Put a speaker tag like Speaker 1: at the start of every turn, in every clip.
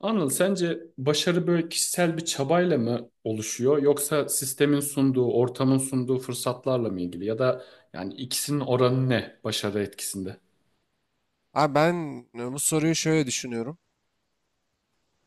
Speaker 1: Anıl, sence başarı böyle kişisel bir çabayla mı oluşuyor yoksa sistemin sunduğu, ortamın sunduğu fırsatlarla mı ilgili ya da yani ikisinin oranı ne başarı etkisinde?
Speaker 2: Abi ben bu soruyu şöyle düşünüyorum.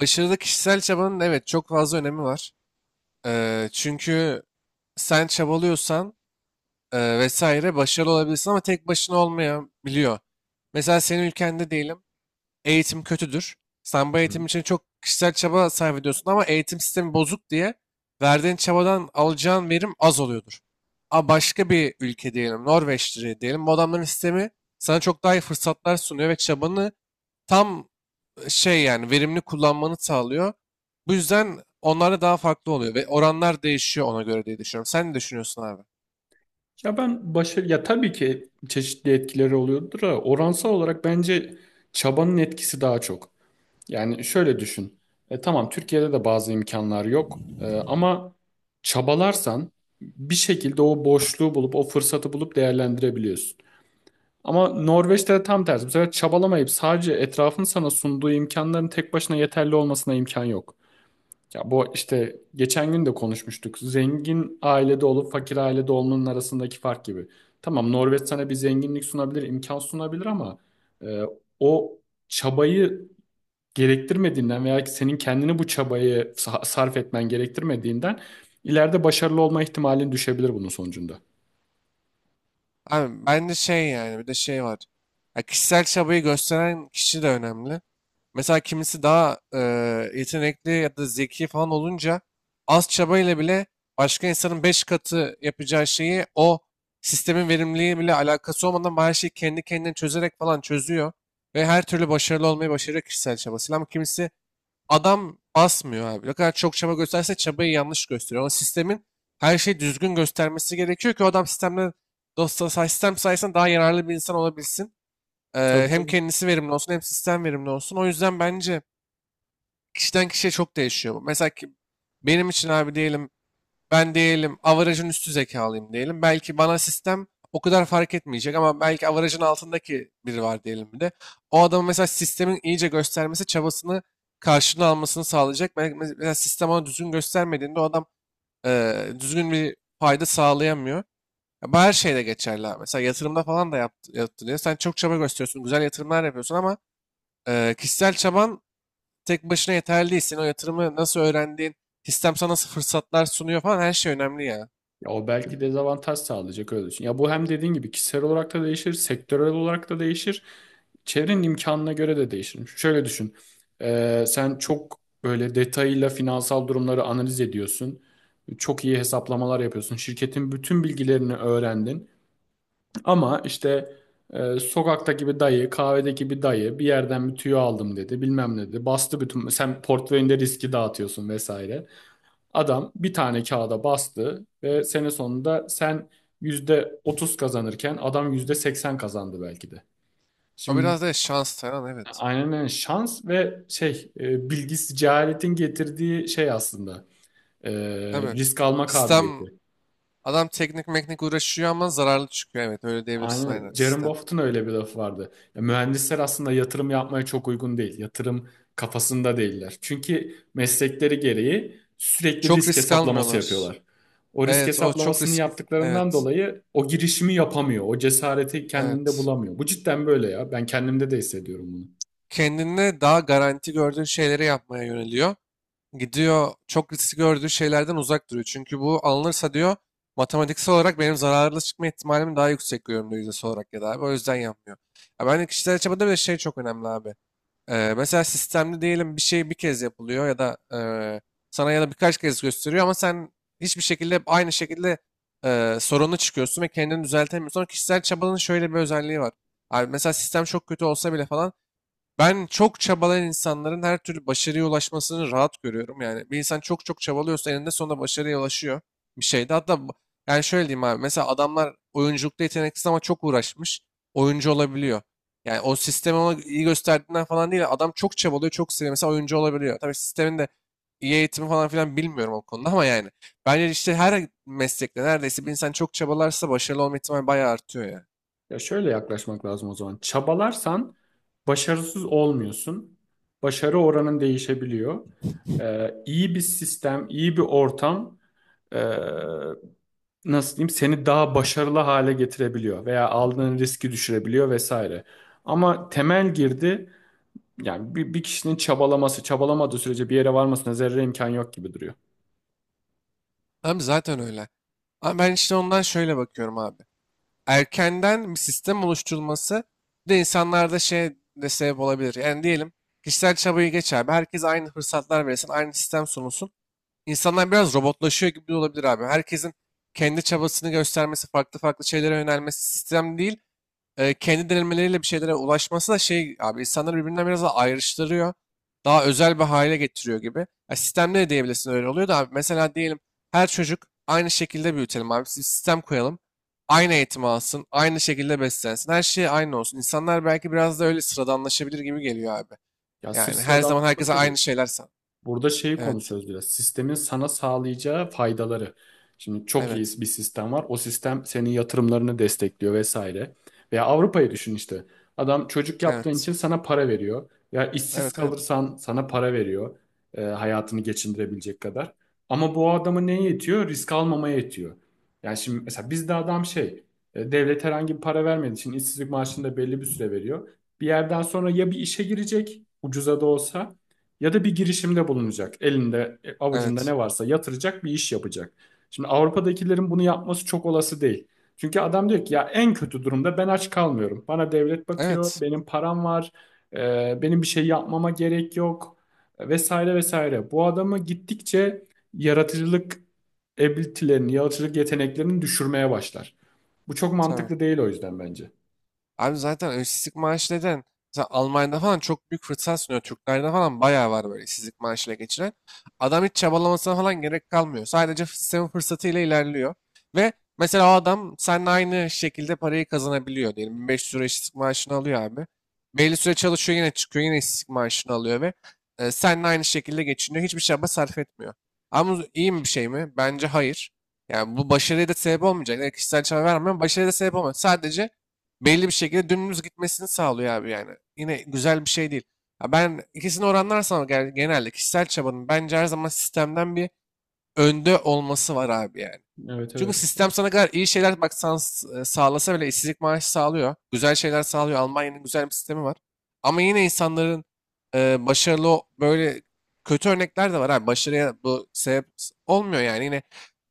Speaker 2: Başarılı kişisel çabanın evet çok fazla önemi var. Çünkü sen çabalıyorsan vesaire başarılı olabilirsin ama tek başına olmayabiliyor. Mesela senin ülkende diyelim eğitim kötüdür. Sen bu
Speaker 1: Hı.
Speaker 2: eğitim için çok kişisel çaba sarf ediyorsun ama eğitim sistemi bozuk diye verdiğin çabadan alacağın verim az oluyordur. Ama başka bir ülke diyelim Norveç'tir diyelim bu adamların sistemi sana çok daha iyi fırsatlar sunuyor ve çabanı tam şey yani verimli kullanmanı sağlıyor. Bu yüzden onlar da daha farklı oluyor ve oranlar değişiyor ona göre diye düşünüyorum. Sen ne düşünüyorsun abi?
Speaker 1: Ya ben başarı ya tabii ki çeşitli etkileri oluyordur ama oransal olarak bence çabanın etkisi daha çok. Yani şöyle düşün. Tamam Türkiye'de de bazı imkanlar yok, ama çabalarsan bir şekilde o boşluğu bulup o fırsatı bulup değerlendirebiliyorsun. Ama Norveç'te de tam tersi. Bu sefer çabalamayıp sadece etrafın sana sunduğu imkanların tek başına yeterli olmasına imkan yok. Ya bu işte geçen gün de konuşmuştuk. Zengin ailede olup fakir ailede olmanın arasındaki fark gibi. Tamam, Norveç sana bir zenginlik sunabilir, imkan sunabilir ama e, o çabayı gerektirmediğinden veya ki senin kendini bu çabayı sarf etmen gerektirmediğinden ileride başarılı olma ihtimalin düşebilir bunun sonucunda.
Speaker 2: Abi ben de şey yani bir de şey var. Ya kişisel çabayı gösteren kişi de önemli. Mesela kimisi daha yetenekli ya da zeki falan olunca az çabayla bile başka insanın 5 katı yapacağı şeyi o sistemin verimliliği bile alakası olmadan her şeyi kendi kendine çözerek falan çözüyor. Ve her türlü başarılı olmayı başarıyor kişisel çabasıyla. Ama kimisi adam basmıyor abi. Ne kadar çok çaba gösterse çabayı yanlış gösteriyor. Ama sistemin her şeyi düzgün göstermesi gerekiyor ki o adam sistemde dosta sistem sayesinde daha yararlı bir insan olabilsin. Ee,
Speaker 1: Tabii,
Speaker 2: hem
Speaker 1: tabii.
Speaker 2: kendisi verimli olsun hem sistem verimli olsun. O yüzden bence kişiden kişiye çok değişiyor bu. Mesela ki, benim için abi diyelim ben diyelim average'ın üstü zekalıyım diyelim. Belki bana sistem o kadar fark etmeyecek ama belki average'ın altındaki biri var diyelim bir de. O adamın mesela sistemin iyice göstermesi çabasını karşılığını almasını sağlayacak. Belki mesela sistem ona düzgün göstermediğinde o adam düzgün bir fayda sağlayamıyor. Ya bu her şeyde geçerli abi. Mesela yatırımda falan da yaptı, yaptı diyor. Sen çok çaba gösteriyorsun, güzel yatırımlar yapıyorsun ama kişisel çaban tek başına yeterli değil. Senin o yatırımı nasıl öğrendiğin, sistem sana nasıl fırsatlar sunuyor falan her şey önemli ya.
Speaker 1: Ya o belki dezavantaj sağlayacak, öyle düşün. Ya bu hem dediğin gibi kişisel olarak da değişir, sektörel olarak da değişir. Çevrenin imkanına göre de değişir. Şöyle düşün. Sen çok böyle detayıyla finansal durumları analiz ediyorsun. Çok iyi hesaplamalar yapıyorsun. Şirketin bütün bilgilerini öğrendin. Ama işte sokaktaki bir dayı, kahvedeki bir dayı bir yerden bir tüyo aldım dedi. Bilmem ne dedi. Bastı bütün. Sen portföyünde riski dağıtıyorsun vesaire. Adam bir tane kağıda bastı ve sene sonunda sen %30 kazanırken adam %80 kazandı belki de.
Speaker 2: O
Speaker 1: Şimdi
Speaker 2: biraz da şans falan evet.
Speaker 1: aynen öyle. Şans ve şey bilgisiz cehaletin getirdiği şey aslında e,
Speaker 2: Tabii.
Speaker 1: risk alma
Speaker 2: Sistem
Speaker 1: kabiliyeti.
Speaker 2: adam teknik meknik uğraşıyor ama zararlı çıkıyor. Evet öyle
Speaker 1: Aynen
Speaker 2: diyebilirsin aynen
Speaker 1: öyle. Jerome
Speaker 2: sistem.
Speaker 1: Buffett'ın öyle bir lafı vardı. Ya, mühendisler aslında yatırım yapmaya çok uygun değil. Yatırım kafasında değiller. Çünkü meslekleri gereği sürekli
Speaker 2: Çok
Speaker 1: risk
Speaker 2: risk
Speaker 1: hesaplaması
Speaker 2: almıyorlar.
Speaker 1: yapıyorlar. O risk
Speaker 2: Evet o çok
Speaker 1: hesaplamasını
Speaker 2: risk.
Speaker 1: yaptıklarından
Speaker 2: Evet.
Speaker 1: dolayı o girişimi yapamıyor. O cesareti kendinde
Speaker 2: Evet.
Speaker 1: bulamıyor. Bu cidden böyle ya. Ben kendimde de hissediyorum bunu.
Speaker 2: Kendine daha garanti gördüğü şeyleri yapmaya yöneliyor. Gidiyor çok risk gördüğü şeylerden uzak duruyor. Çünkü bu alınırsa diyor matematiksel olarak benim zararlı çıkma ihtimalimi daha yüksek görüyorum diyor yüzdesi olarak ya da abi. O yüzden yapmıyor. Ya ben de kişisel çabada bir de şey çok önemli abi. Mesela sistemli diyelim bir şey bir kez yapılıyor ya da sana ya da birkaç kez gösteriyor ama sen hiçbir şekilde hep aynı şekilde sorunu çıkıyorsun ve kendini düzeltemiyorsun. Sonra kişisel çabanın şöyle bir özelliği var. Abi mesela sistem çok kötü olsa bile falan ben çok çabalayan insanların her türlü başarıya ulaşmasını rahat görüyorum. Yani bir insan çok çok çabalıyorsa eninde sonunda başarıya ulaşıyor bir şeyde. Yani şöyle diyeyim abi. Mesela adamlar oyunculukta yeteneksiz ama çok uğraşmış. Oyuncu olabiliyor. Yani o sistemi ona iyi gösterdiğinden falan değil. Adam çok çabalıyor, çok seviyor. Mesela oyuncu olabiliyor. Tabii sistemin de iyi eğitimi falan filan bilmiyorum o konuda ama yani. Bence işte her meslekte neredeyse bir insan çok çabalarsa başarılı olma ihtimali bayağı artıyor ya.
Speaker 1: Ya şöyle yaklaşmak lazım o zaman. Çabalarsan başarısız olmuyorsun. Başarı oranın değişebiliyor. İyi bir sistem, iyi bir ortam nasıl diyeyim seni daha başarılı hale getirebiliyor veya aldığın riski düşürebiliyor vesaire. Ama temel girdi yani bir, bir kişinin çabalaması, çabalamadığı sürece bir yere varmasına zerre imkan yok gibi duruyor.
Speaker 2: Abi zaten öyle. Ama ben işte ondan şöyle bakıyorum abi. Erkenden bir sistem oluşturulması bir de insanlarda şey de sebep olabilir. Yani diyelim kişisel çabayı geç abi. Herkes aynı fırsatlar verilsin, aynı sistem sunulsun. İnsanlar biraz robotlaşıyor gibi olabilir abi. Herkesin kendi çabasını göstermesi, farklı farklı şeylere yönelmesi sistem değil kendi denemeleriyle bir şeylere ulaşması da şey abi insanları birbirinden biraz daha ayrıştırıyor. Daha özel bir hale getiriyor gibi. Ya sistemde de diyebilirsin öyle oluyor da abi mesela diyelim her çocuk aynı şekilde büyütelim abi. Bir sistem koyalım. Aynı eğitim alsın, aynı şekilde beslensin. Her şey aynı olsun. İnsanlar belki biraz da öyle sıradanlaşabilir gibi geliyor abi.
Speaker 1: Ya sırf
Speaker 2: Yani her zaman
Speaker 1: sıradanlaşması
Speaker 2: herkese
Speaker 1: da
Speaker 2: aynı
Speaker 1: değil.
Speaker 2: şeyler san.
Speaker 1: Burada şeyi
Speaker 2: Evet.
Speaker 1: konuşuyoruz biraz. Sistemin sana sağlayacağı faydaları. Şimdi çok iyi
Speaker 2: Evet.
Speaker 1: bir sistem var. O sistem senin yatırımlarını destekliyor vesaire. Veya Avrupa'yı düşün işte. Adam çocuk yaptığın
Speaker 2: Evet.
Speaker 1: için sana para veriyor. Ya işsiz
Speaker 2: Evet. Evet.
Speaker 1: kalırsan sana para veriyor. Hayatını geçindirebilecek kadar. Ama bu adama neye yetiyor? Risk almamaya yetiyor. Yani şimdi mesela bizde adam şey, devlet herhangi bir para vermediği için işsizlik maaşını da belli bir süre veriyor. Bir yerden sonra ya bir işe girecek, ucuza da olsa ya da bir girişimde bulunacak. Elinde, avucunda
Speaker 2: Evet.
Speaker 1: ne varsa yatıracak bir iş yapacak. Şimdi Avrupa'dakilerin bunu yapması çok olası değil. Çünkü adam diyor ki ya en kötü durumda ben aç kalmıyorum. Bana devlet bakıyor,
Speaker 2: Evet.
Speaker 1: benim param var, benim bir şey yapmama gerek yok, vesaire vesaire. Bu adamı gittikçe yaratıcılık ability'lerini, yaratıcılık yeteneklerini düşürmeye başlar. Bu çok
Speaker 2: Tabii.
Speaker 1: mantıklı değil o yüzden bence.
Speaker 2: Abi zaten işsizlik maaşı neden? Mesela Almanya'da falan çok büyük fırsat sunuyor. Türklerde falan bayağı var böyle işsizlik maaşıyla geçiren. Adam hiç çabalamasına falan gerek kalmıyor. Sadece sistemin fırsatıyla ilerliyor. Ve mesela o adam seninle aynı şekilde parayı kazanabiliyor. Diyelim 1500 euro işsizlik maaşını alıyor abi. Belli süre çalışıyor yine çıkıyor yine işsizlik maaşını alıyor ve seninle aynı şekilde geçiniyor. Hiçbir çaba sarf etmiyor. Ama bu iyi mi bir şey mi? Bence hayır. Yani bu başarıya da sebep olmayacak. Yani kişisel çaba vermiyor. Ama başarıya da sebep olmaz. Sadece belli bir şekilde dümdüz gitmesini sağlıyor abi yani. Yine güzel bir şey değil. Ya ben ikisini oranlarsam genelde kişisel çabanın bence her zaman sistemden bir önde olması var abi yani.
Speaker 1: Evet,
Speaker 2: Çünkü
Speaker 1: evet.
Speaker 2: sistem sana kadar iyi şeyler bak sağlasa bile işsizlik maaşı sağlıyor. Güzel şeyler sağlıyor. Almanya'nın güzel bir sistemi var. Ama yine insanların böyle kötü örnekler de var. Abi. Başarıya bu sebep olmuyor yani. Yine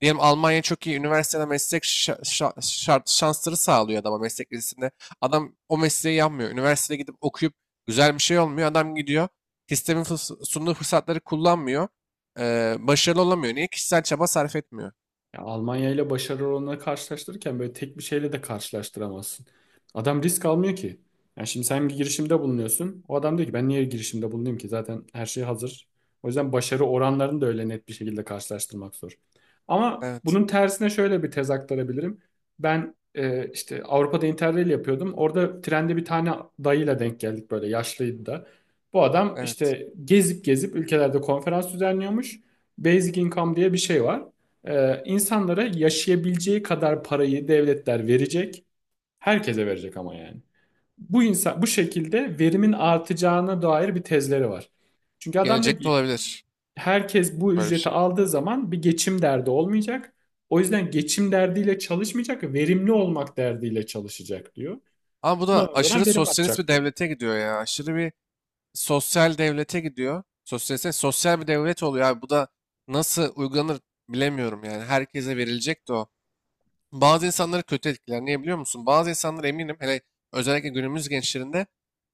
Speaker 2: diyelim Almanya çok iyi üniversitede meslek şart, şansları sağlıyor adama meslek lisesinde. Adam o mesleği yapmıyor. Üniversiteye gidip okuyup güzel bir şey olmuyor. Adam gidiyor. Sistemin sunduğu fırsatları kullanmıyor. Başarılı olamıyor. Niye? Kişisel çaba sarf etmiyor.
Speaker 1: Ya Almanya ile başarı oranını karşılaştırırken böyle tek bir şeyle de karşılaştıramazsın. Adam risk almıyor ki. Yani şimdi sen bir girişimde bulunuyorsun. O adam diyor ki ben niye girişimde bulunayım ki? Zaten her şey hazır. O yüzden başarı oranlarını da öyle net bir şekilde karşılaştırmak zor. Ama
Speaker 2: Evet.
Speaker 1: bunun tersine şöyle bir tez aktarabilirim. Ben işte Avrupa'da Interrail yapıyordum. Orada trende bir tane dayıyla denk geldik, böyle yaşlıydı da. Bu adam
Speaker 2: Evet.
Speaker 1: işte gezip gezip ülkelerde konferans düzenliyormuş. Basic income diye bir şey var. İnsanlara yaşayabileceği kadar parayı devletler verecek. Herkese verecek ama yani. Bu insan bu şekilde verimin artacağına dair bir tezleri var. Çünkü adam diyor
Speaker 2: Gelecekte
Speaker 1: ki
Speaker 2: olabilir
Speaker 1: herkes bu
Speaker 2: böyle bir
Speaker 1: ücreti
Speaker 2: şey.
Speaker 1: aldığı zaman bir geçim derdi olmayacak. O yüzden geçim derdiyle çalışmayacak, verimli olmak derdiyle çalışacak diyor.
Speaker 2: Ama bu
Speaker 1: Buna
Speaker 2: da
Speaker 1: nazaran
Speaker 2: aşırı
Speaker 1: verim
Speaker 2: sosyalist
Speaker 1: artacak
Speaker 2: bir
Speaker 1: diyor.
Speaker 2: devlete gidiyor ya. Aşırı bir sosyal devlete gidiyor. Sosyalist, sosyal bir devlet oluyor abi. Bu da nasıl uygulanır bilemiyorum yani. Herkese verilecek de o. Bazı insanları kötü etkiler. Niye biliyor musun? Bazı insanlar eminim hele özellikle günümüz gençlerinde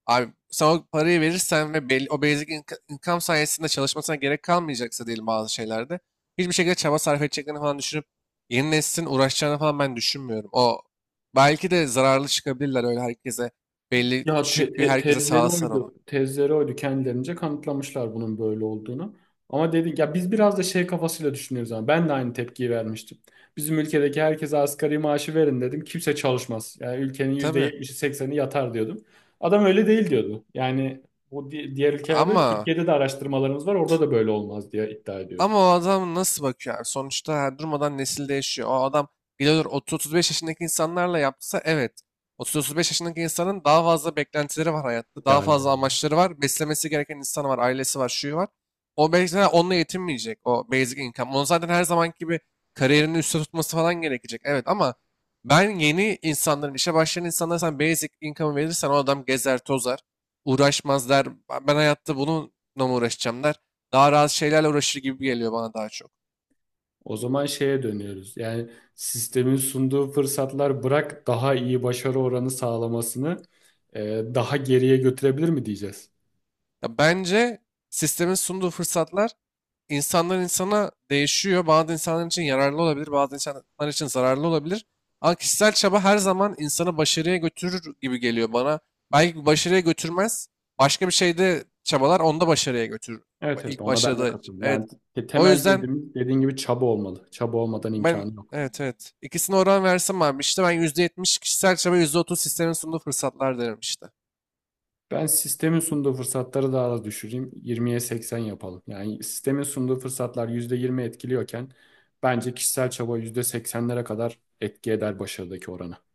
Speaker 2: abi sen o parayı verirsen ve belli, o income sayesinde çalışmasına gerek kalmayacaksa diyelim bazı şeylerde hiçbir şekilde çaba sarf edeceklerini falan düşünüp yeni neslin uğraşacağını falan ben düşünmüyorum. O belki de zararlı çıkabilirler öyle herkese belli
Speaker 1: Ya
Speaker 2: düşük bir herkese
Speaker 1: tezleri
Speaker 2: sağlasan onu.
Speaker 1: oydu. Tezleri oydu. Kendilerince kanıtlamışlar bunun böyle olduğunu. Ama dedik ya biz biraz da şey kafasıyla düşünüyoruz ama ben de aynı tepkiyi vermiştim. Bizim ülkedeki herkese asgari maaşı verin dedim. Kimse çalışmaz. Yani ülkenin
Speaker 2: Tabii
Speaker 1: %70'i 80'i yatar diyordum. Adam öyle değil diyordu. Yani bu diğer ülkelerde
Speaker 2: ama
Speaker 1: Türkiye'de de araştırmalarımız var. Orada da böyle olmaz diye iddia ediyordu.
Speaker 2: ama o adam nasıl bakıyor abi? Sonuçta her durmadan nesil değişiyor. O adam gidiyor 30-35 yaşındaki insanlarla yapsa evet. 30-35 yaşındaki insanın daha fazla beklentileri var hayatta. Daha fazla
Speaker 1: İdealleri.
Speaker 2: amaçları var. Beslemesi gereken insanı var. Ailesi var. Şuyu var. O belki de onunla yetinmeyecek. O basic income. Onun zaten her zamanki gibi kariyerini üstte tutması falan gerekecek. Evet ama ben yeni insanların, işe başlayan insanlara sen basic income verirsen o adam gezer tozar. Uğraşmaz der. Ben hayatta bununla mı uğraşacağım der. Daha rahat şeylerle uğraşır gibi geliyor bana daha çok.
Speaker 1: O zaman şeye dönüyoruz. Yani sistemin sunduğu fırsatlar bırak daha iyi başarı oranı sağlamasını daha geriye götürebilir mi diyeceğiz?
Speaker 2: Ya bence sistemin sunduğu fırsatlar insanlar insana değişiyor. Bazı insanlar için yararlı olabilir, bazı insanlar için zararlı olabilir. Ama kişisel çaba her zaman insanı başarıya götürür gibi geliyor bana. Belki başarıya götürmez. Başka bir şeyde çabalar onda başarıya götürür.
Speaker 1: Evet, evet,
Speaker 2: İlk
Speaker 1: ona ben de
Speaker 2: başarıda.
Speaker 1: katılıyorum.
Speaker 2: Evet.
Speaker 1: Yani
Speaker 2: O
Speaker 1: temel
Speaker 2: yüzden
Speaker 1: girdim dediğin gibi çaba olmalı. Çaba olmadan
Speaker 2: ben
Speaker 1: imkanı yok.
Speaker 2: evet evet. İkisine oran versem abi işte ben %70 kişisel çaba %30 sistemin sunduğu fırsatlar derim işte.
Speaker 1: Ben sistemin sunduğu fırsatları daha da düşüreyim. 20'ye 80 yapalım. Yani sistemin sunduğu fırsatlar %20 etkiliyorken bence kişisel çaba %80'lere kadar etki eder başarıdaki oranı.